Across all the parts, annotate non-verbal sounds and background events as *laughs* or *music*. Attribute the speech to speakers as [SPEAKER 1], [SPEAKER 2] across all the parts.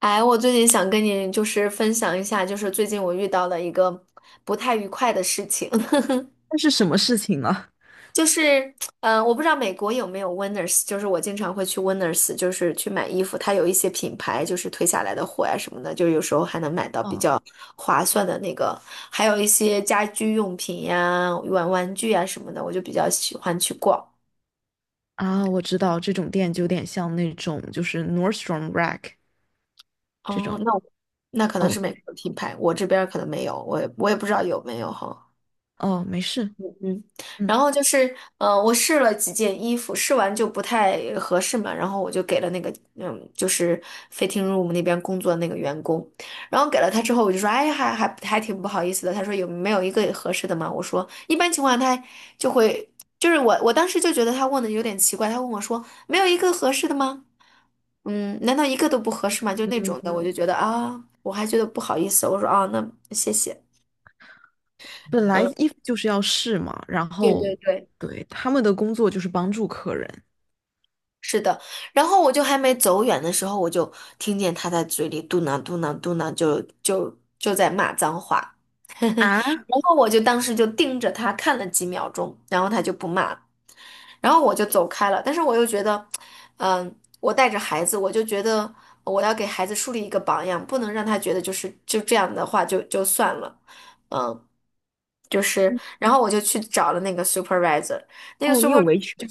[SPEAKER 1] 哎，我最近想跟你分享一下，就是最近我遇到了一个不太愉快的事情，
[SPEAKER 2] 那是什么事情呢？
[SPEAKER 1] *laughs* 就是，我不知道美国有没有 Winners，就是我经常会去 Winners，就是去买衣服，它有一些品牌就是退下来的货呀、什么的，就是有时候还能买到比
[SPEAKER 2] 哦
[SPEAKER 1] 较划算的那个，还有一些家居用品呀、玩玩具呀、什么的，我就比较喜欢去逛。
[SPEAKER 2] 我知道这种店就有点像那种就是 Nordstrom Rack 这
[SPEAKER 1] 哦，
[SPEAKER 2] 种。
[SPEAKER 1] 那可能
[SPEAKER 2] 哦，
[SPEAKER 1] 是美
[SPEAKER 2] 对。
[SPEAKER 1] 国品牌，我这边儿可能没有，我也不知道有没有哈。
[SPEAKER 2] 哦，没事。
[SPEAKER 1] 嗯，然
[SPEAKER 2] 嗯。
[SPEAKER 1] 后就是，我试了几件衣服，试完就不太合适嘛，然后我就给了那个，嗯，就是 fitting room 那边工作的那个员工，然后给了他之后，我就说，哎，还挺不好意思的。他说有没有一个合适的嘛？我说一般情况下他就会，就是我当时就觉得他问的有点奇怪，他问我说没有一个合适的吗？嗯，难道一个都不合适吗？就那种的，我
[SPEAKER 2] 嗯，
[SPEAKER 1] 就觉得啊，我还觉得不好意思，我说啊，那谢谢，
[SPEAKER 2] 本来
[SPEAKER 1] 嗯，
[SPEAKER 2] 衣服就是要试嘛，然
[SPEAKER 1] 对对
[SPEAKER 2] 后
[SPEAKER 1] 对。
[SPEAKER 2] 对，他们的工作就是帮助客人。
[SPEAKER 1] 是的，然后我就还没走远的时候，我就听见他在嘴里嘟囔嘟囔嘟囔，就在骂脏话，*laughs*
[SPEAKER 2] 啊。
[SPEAKER 1] 然后我就当时就盯着他看了几秒钟，然后他就不骂了，然后我就走开了。但是我又觉得，嗯，我带着孩子，我就觉得我要给孩子树立一个榜样，不能让他觉得就是就这样的话就算了，嗯，就是，
[SPEAKER 2] 嗯。
[SPEAKER 1] 然后我就去找了那个 supervisor，那个
[SPEAKER 2] 哦，你有
[SPEAKER 1] supervisor。
[SPEAKER 2] 维权，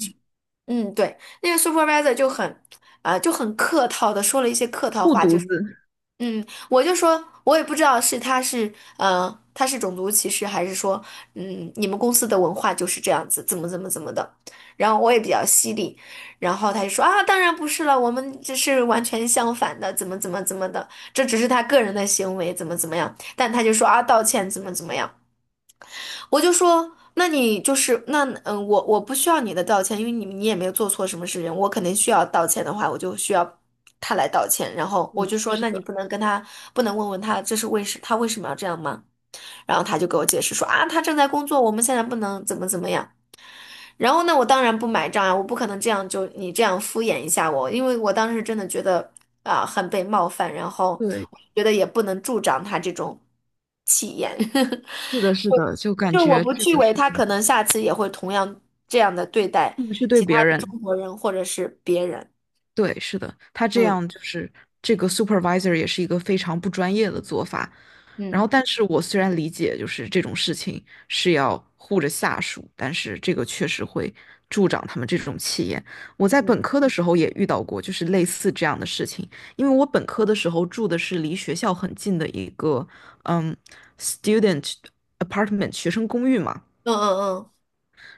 [SPEAKER 1] 嗯，对，那个 supervisor 就很，就很客套的说了一些客套
[SPEAKER 2] 护
[SPEAKER 1] 话，就
[SPEAKER 2] 犊
[SPEAKER 1] 是，
[SPEAKER 2] 子。
[SPEAKER 1] 嗯，我就说，我也不知道是他是，他是种族歧视，还是说，嗯，你们公司的文化就是这样子，怎么怎么怎么的，然后我也比较犀利，然后他就说啊，当然不是了，我们这是完全相反的，怎么怎么怎么的，这只是他个人的行为，怎么怎么样，但他就说啊，道歉怎么怎么样。我就说，那你就是那嗯，我不需要你的道歉，因为你也没有做错什么事情，我肯定需要道歉的话，我就需要他来道歉。然后我
[SPEAKER 2] 嗯，
[SPEAKER 1] 就说，
[SPEAKER 2] 是
[SPEAKER 1] 那你
[SPEAKER 2] 的。
[SPEAKER 1] 不能跟他，不能问他这是为什，他为什么要这样吗？然后他就给我解释说啊，他正在工作，我们现在不能怎么怎么样。然后呢，我当然不买账啊，我不可能这样就你这样敷衍一下我，因为我当时真的觉得啊、很被冒犯，然后
[SPEAKER 2] 对，
[SPEAKER 1] 我觉得也不能助长他这种气焰，*laughs*
[SPEAKER 2] 是的，是的，就感
[SPEAKER 1] 就我
[SPEAKER 2] 觉
[SPEAKER 1] 不
[SPEAKER 2] 这
[SPEAKER 1] 去
[SPEAKER 2] 个
[SPEAKER 1] 为
[SPEAKER 2] 事
[SPEAKER 1] 他
[SPEAKER 2] 情，
[SPEAKER 1] 可能下次也会同样这样的对待
[SPEAKER 2] 特别是对
[SPEAKER 1] 其
[SPEAKER 2] 别
[SPEAKER 1] 他的
[SPEAKER 2] 人。
[SPEAKER 1] 中国人或者是别人，
[SPEAKER 2] 对，是的，他这
[SPEAKER 1] 嗯
[SPEAKER 2] 样就是这个 supervisor 也是一个非常不专业的做法。然
[SPEAKER 1] 嗯
[SPEAKER 2] 后，但是我虽然理解就是这种事情是要护着下属，但是这个确实会助长他们这种气焰。我在
[SPEAKER 1] 嗯
[SPEAKER 2] 本科的时候也遇到过，就是类似这样的事情。因为我本科的时候住的是离学校很近的一个嗯 student apartment 学生公寓嘛，
[SPEAKER 1] 嗯嗯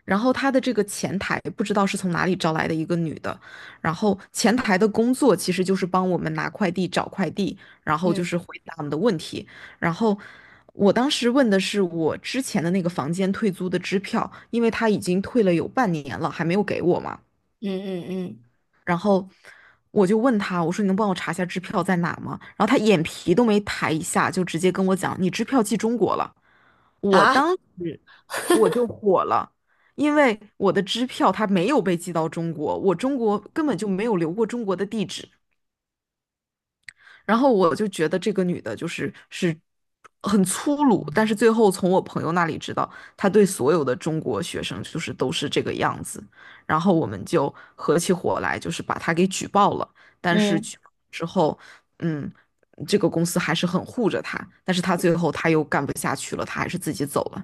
[SPEAKER 2] 然后他的这个前台不知道是从哪里招来的一个女的，然后前台的工作其实就是帮我们拿快递、找快递，然后就
[SPEAKER 1] 嗯
[SPEAKER 2] 是回答我们的问题。然后我当时问的是我之前的那个房间退租的支票，因为他已经退了有半年了，还没有给我嘛。
[SPEAKER 1] 嗯嗯
[SPEAKER 2] 然后我就问他，我说你能帮我查一下支票在哪吗？然后他眼皮都没抬一下，就直接跟我讲，你支票寄中国了。
[SPEAKER 1] 嗯啊
[SPEAKER 2] 我就火了，因为我的支票它没有被寄到中国，我中国根本就没有留过中国的地址。然后我就觉得这个女的就是很粗鲁，但是最后从我朋友那里知道，她对所有的中国学生就是都是这个样子。然后我们就合起伙来，就是把她给举报了。但是
[SPEAKER 1] 嗯。
[SPEAKER 2] 举报之后，嗯，这个公司还是很护着她，但是她最后又干不下去了，她还是自己走了。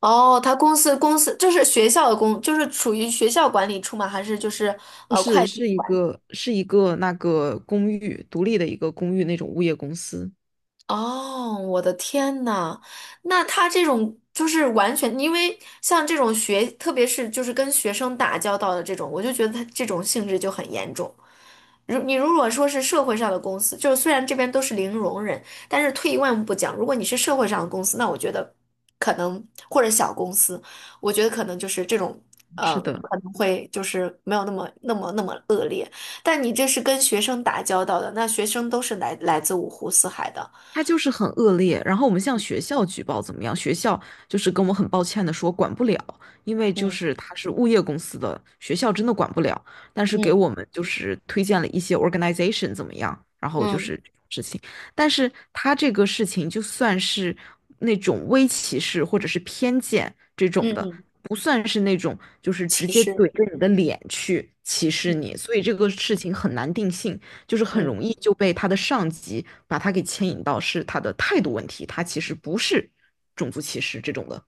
[SPEAKER 1] 哦，他公司就是学校的公，就是属于学校管理处吗？还是就是
[SPEAKER 2] 不
[SPEAKER 1] 会
[SPEAKER 2] 是，
[SPEAKER 1] 计？
[SPEAKER 2] 是一个那个公寓，独立的一个公寓那种物业公司。
[SPEAKER 1] 哦，我的天呐，那他这种就是完全，因为像这种学，特别是就是跟学生打交道的这种，我就觉得他这种性质就很严重。如你如果说是社会上的公司，就是虽然这边都是零容忍，但是退一万步讲，如果你是社会上的公司，那我觉得可能或者小公司，我觉得可能就是这种
[SPEAKER 2] 是的，
[SPEAKER 1] 可能会就是没有那么恶劣，但你这是跟学生打交道的，那学生都是来来自五湖四海的。
[SPEAKER 2] 他就是很恶劣，然后我们向学校举报怎么样？学校就是跟我很抱歉的说管不了，因为就
[SPEAKER 1] 嗯
[SPEAKER 2] 是他是物业公司的，学校真的管不了。但是给
[SPEAKER 1] 嗯
[SPEAKER 2] 我们就是推荐了一些 organization 怎么样，然后就
[SPEAKER 1] 嗯
[SPEAKER 2] 是这种事情。但是他这个事情就算是那种微歧视或者是偏见这种
[SPEAKER 1] 嗯
[SPEAKER 2] 的，
[SPEAKER 1] 嗯，
[SPEAKER 2] 不算是那种就是直
[SPEAKER 1] 其
[SPEAKER 2] 接
[SPEAKER 1] 实
[SPEAKER 2] 怼着你的脸去歧视
[SPEAKER 1] 嗯
[SPEAKER 2] 你，所以这个
[SPEAKER 1] 嗯
[SPEAKER 2] 事情很难定性。就是很
[SPEAKER 1] 嗯。
[SPEAKER 2] 容易就被他的上级把他给牵引到是他的态度问题，他其实不是种族歧视这种的。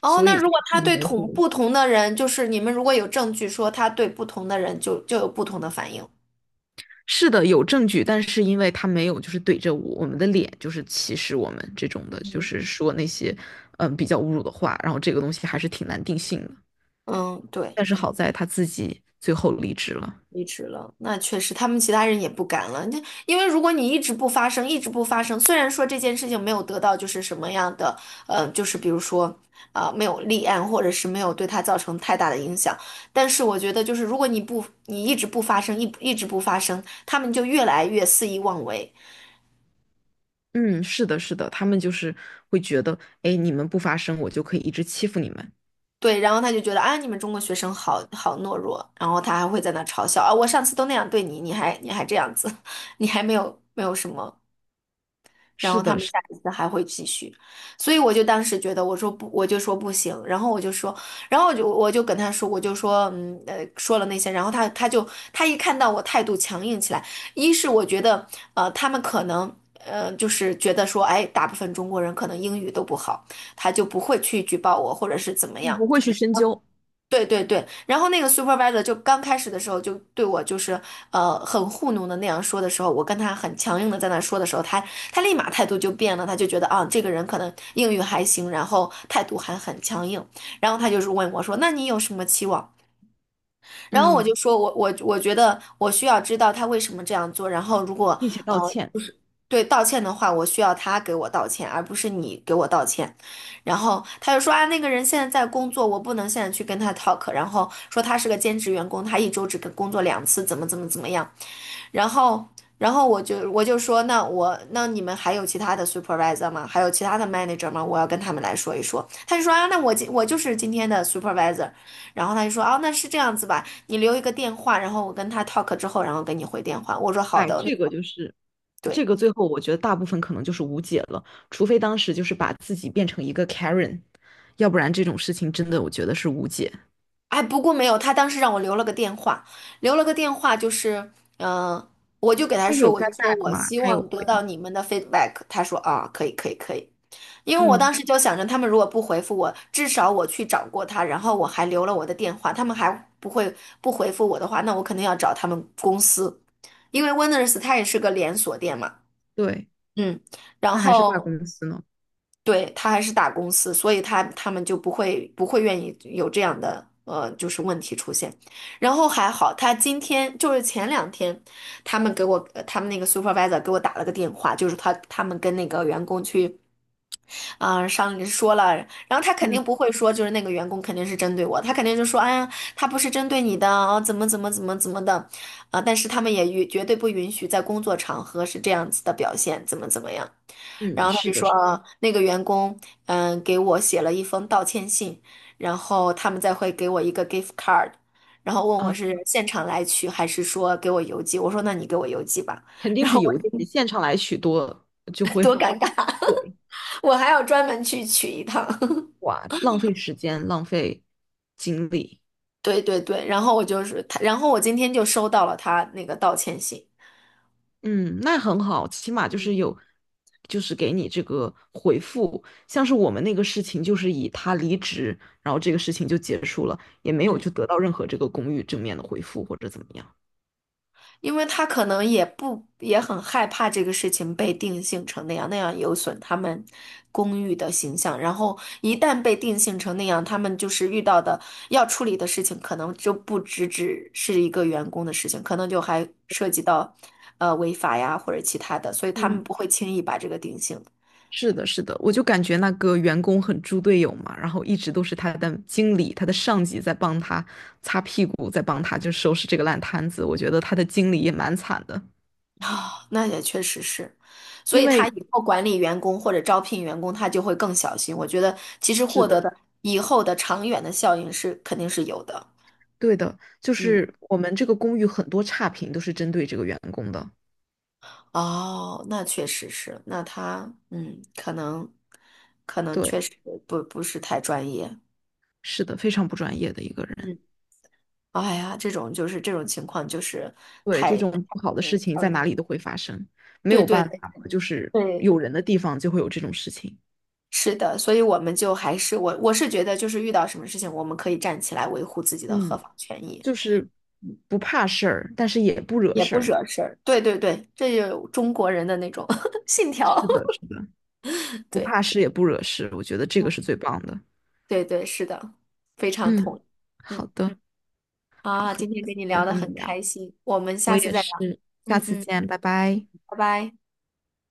[SPEAKER 1] 哦，
[SPEAKER 2] 所
[SPEAKER 1] 那
[SPEAKER 2] 以
[SPEAKER 1] 如果他
[SPEAKER 2] 很
[SPEAKER 1] 对
[SPEAKER 2] 模
[SPEAKER 1] 同
[SPEAKER 2] 糊。
[SPEAKER 1] 不同的人，就是你们如果有证据说他对不同的人就有不同的反应。
[SPEAKER 2] 是的，有证据，但是因为他没有就是怼着我们的脸，就是歧视我们这种的，就
[SPEAKER 1] 嗯
[SPEAKER 2] 是说那些比较侮辱的话，然后这个东西还是挺难定性的。
[SPEAKER 1] 嗯，对。
[SPEAKER 2] 但是好在他自己最后离职了。
[SPEAKER 1] 离职了，那确实，他们其他人也不敢了。那因为如果你一直不发声，一直不发声，虽然说这件事情没有得到就是什么样的，就是比如说啊、没有立案，或者是没有对他造成太大的影响，但是我觉得就是如果你不，你一直不发声，一直不发声，他们就越来越肆意妄为。
[SPEAKER 2] 嗯，是的，是的，他们就是会觉得，哎，你们不发声，我就可以一直欺负你们。
[SPEAKER 1] 对，然后他就觉得啊，你们中国学生好好懦弱，然后他还会在那嘲笑啊，我上次都那样对你，你还这样子，*laughs* 你还没有什么。然后
[SPEAKER 2] 是
[SPEAKER 1] 他
[SPEAKER 2] 的，
[SPEAKER 1] 们
[SPEAKER 2] 是。
[SPEAKER 1] 下一次还会继续，所以我就当时觉得，我说不，我就说不行，然后我就说，然后我就跟他说，我就说，说了那些，然后他就他一看到我态度强硬起来，一是我觉得，他们可能就是觉得说，哎，大部分中国人可能英语都不好，他就不会去举报我或者是怎么样。
[SPEAKER 2] 不会去深究。
[SPEAKER 1] 对对对，然后那个 supervisor 就刚开始的时候就对我就是很糊弄的那样说的时候，我跟他很强硬的在那说的时候，他立马态度就变了，他就觉得啊这个人可能英语还行，然后态度还很强硬，然后他就是问我说，那你有什么期望？然后我就
[SPEAKER 2] 嗯，
[SPEAKER 1] 说我觉得我需要知道他为什么这样做，然后如果
[SPEAKER 2] 并且
[SPEAKER 1] 呃
[SPEAKER 2] 道歉。
[SPEAKER 1] 就是对道歉的话，我需要他给我道歉，而不是你给我道歉。然后他就说啊，那个人现在在工作，我不能现在去跟他 talk。然后说他是个兼职员工，他一周只跟工作两次，怎么怎么怎么样。然后，然后我就说，那我那你们还有其他的 supervisor 吗？还有其他的 manager 吗？我要跟他们来说一说。他就说啊，那我今我就是今天的 supervisor。然后他就说，啊，那是这样子吧，你留一个电话，然后我跟他 talk 之后，然后给你回电话。我说好
[SPEAKER 2] 哎，
[SPEAKER 1] 的，
[SPEAKER 2] 这个就是
[SPEAKER 1] 对。
[SPEAKER 2] 这个，最后我觉得大部分可能就是无解了，除非当时就是把自己变成一个 Karen，要不然这种事情真的我觉得是无解。
[SPEAKER 1] 哎，不过没有，他当时让我留了个电话，留了个电话就是，嗯、呃我就给他
[SPEAKER 2] 他
[SPEAKER 1] 说，
[SPEAKER 2] 有
[SPEAKER 1] 我就
[SPEAKER 2] get
[SPEAKER 1] 说
[SPEAKER 2] back
[SPEAKER 1] 我
[SPEAKER 2] 吗？
[SPEAKER 1] 希
[SPEAKER 2] 他有
[SPEAKER 1] 望得
[SPEAKER 2] 回
[SPEAKER 1] 到
[SPEAKER 2] 他。
[SPEAKER 1] 你们的 feedback。他说啊，可以，可以，可以。因为我当
[SPEAKER 2] 嗯，
[SPEAKER 1] 时就想着，他们如果不回复我，至少我去找过他，然后我还留了我的电话，他们还不会不回复我的话，那我肯定要找他们公司，因为 Winners 它也是个连锁店嘛。
[SPEAKER 2] 对。
[SPEAKER 1] 嗯，然
[SPEAKER 2] 他还是大
[SPEAKER 1] 后
[SPEAKER 2] 公司呢。
[SPEAKER 1] 对他还是大公司，所以他他们就不会愿意有这样的就是问题出现。然后还好，他今天就是前两天，他们给我他们那个 supervisor 给我打了个电话，就是他们跟那个员工去啊，上说了，然后他肯
[SPEAKER 2] 嗯
[SPEAKER 1] 定不会说，就是那个员工肯定是针对我，他肯定就说，哎呀，他不是针对你的，哦，怎么怎么怎么怎么的，啊、但是他们也允绝对不允许在工作场合是这样子的表现，怎么怎么样。然
[SPEAKER 2] 嗯，
[SPEAKER 1] 后他
[SPEAKER 2] 是
[SPEAKER 1] 就
[SPEAKER 2] 的，
[SPEAKER 1] 说，
[SPEAKER 2] 是
[SPEAKER 1] 啊，那个员工，嗯，给我写了一封道歉信，然后他们再会给我一个 gift card，然后问我
[SPEAKER 2] 啊，
[SPEAKER 1] 是现场来取还是说给我邮寄，我说那你给我邮寄吧，
[SPEAKER 2] 肯
[SPEAKER 1] *laughs*
[SPEAKER 2] 定
[SPEAKER 1] 然
[SPEAKER 2] 是
[SPEAKER 1] 后我
[SPEAKER 2] 邮寄，
[SPEAKER 1] 觉得
[SPEAKER 2] 现场来许多。
[SPEAKER 1] *laughs* 多尴尬，
[SPEAKER 2] 对。
[SPEAKER 1] 我还要专门去取一趟。
[SPEAKER 2] 哇，浪费时间，浪费精力。
[SPEAKER 1] 对对对，然后我就是他，然后我今天就收到了他那个道歉信，
[SPEAKER 2] 嗯，那很好，起码就
[SPEAKER 1] 嗯
[SPEAKER 2] 是有，就是给你这个回复。像是我们那个事情，就是以他离职，然后这个事情就结束了，也没有
[SPEAKER 1] 嗯
[SPEAKER 2] 就得到任何这个公寓正面的回复或者怎么样。
[SPEAKER 1] 因为他可能也不也很害怕这个事情被定性成那样，那样有损他们公寓的形象，然后一旦被定性成那样，他们就是遇到的要处理的事情，可能就不只是一个员工的事情，可能就还涉及到违法呀或者其他的，所以他
[SPEAKER 2] 嗯，
[SPEAKER 1] 们不会轻易把这个定性。
[SPEAKER 2] 是的，是的，我就感觉那个员工很猪队友嘛，然后一直都是他的经理、他的上级在帮他擦屁股，在帮他就收拾这个烂摊子。我觉得他的经理也蛮惨的，
[SPEAKER 1] 啊，那也确实是，所
[SPEAKER 2] 因
[SPEAKER 1] 以他
[SPEAKER 2] 为
[SPEAKER 1] 以后管理员工或者招聘员工，他就会更小心。我觉得其实
[SPEAKER 2] 是
[SPEAKER 1] 获得
[SPEAKER 2] 的。
[SPEAKER 1] 的以后的长远的效应是肯定是有的。
[SPEAKER 2] 对的，就
[SPEAKER 1] 嗯，
[SPEAKER 2] 是我们这个公寓很多差评都是针对这个员工的。
[SPEAKER 1] 哦，那确实是，那他嗯，可能确
[SPEAKER 2] 对，
[SPEAKER 1] 实不是太专业。
[SPEAKER 2] 是的，非常不专业的一个人。
[SPEAKER 1] 嗯，哎呀，这种就是这种情况就是
[SPEAKER 2] 对，这
[SPEAKER 1] 太
[SPEAKER 2] 种不好的
[SPEAKER 1] 让
[SPEAKER 2] 事
[SPEAKER 1] 人
[SPEAKER 2] 情
[SPEAKER 1] 伤
[SPEAKER 2] 在哪里
[SPEAKER 1] 心。
[SPEAKER 2] 都会发生，没
[SPEAKER 1] 对
[SPEAKER 2] 有
[SPEAKER 1] 对
[SPEAKER 2] 办
[SPEAKER 1] 对
[SPEAKER 2] 法，就是
[SPEAKER 1] 对，
[SPEAKER 2] 有人的地方就会有这种事情。
[SPEAKER 1] 是的，所以我们就还是我是觉得就是遇到什么事情，我们可以站起来维护自己的合
[SPEAKER 2] 嗯，
[SPEAKER 1] 法权益。
[SPEAKER 2] 就是不怕事儿，但是也不惹
[SPEAKER 1] 也
[SPEAKER 2] 事
[SPEAKER 1] 不
[SPEAKER 2] 儿。
[SPEAKER 1] 惹事儿。对对对，这就是中国人的那种 *laughs* 信条。
[SPEAKER 2] 是的，是的，
[SPEAKER 1] *laughs*
[SPEAKER 2] 不
[SPEAKER 1] 对，
[SPEAKER 2] 怕事也不惹事，我觉得这个是
[SPEAKER 1] 嗯
[SPEAKER 2] 最棒的。
[SPEAKER 1] 对对，是的，非常同
[SPEAKER 2] 嗯，
[SPEAKER 1] 意。嗯
[SPEAKER 2] 好的。好，很
[SPEAKER 1] 今
[SPEAKER 2] 开
[SPEAKER 1] 天
[SPEAKER 2] 心
[SPEAKER 1] 跟
[SPEAKER 2] 今
[SPEAKER 1] 你
[SPEAKER 2] 天
[SPEAKER 1] 聊得
[SPEAKER 2] 和你
[SPEAKER 1] 很
[SPEAKER 2] 聊，
[SPEAKER 1] 开心，我们
[SPEAKER 2] 我
[SPEAKER 1] 下次
[SPEAKER 2] 也
[SPEAKER 1] 再聊。
[SPEAKER 2] 是，下
[SPEAKER 1] 嗯
[SPEAKER 2] 次
[SPEAKER 1] 嗯，
[SPEAKER 2] 见，拜拜。
[SPEAKER 1] 拜拜。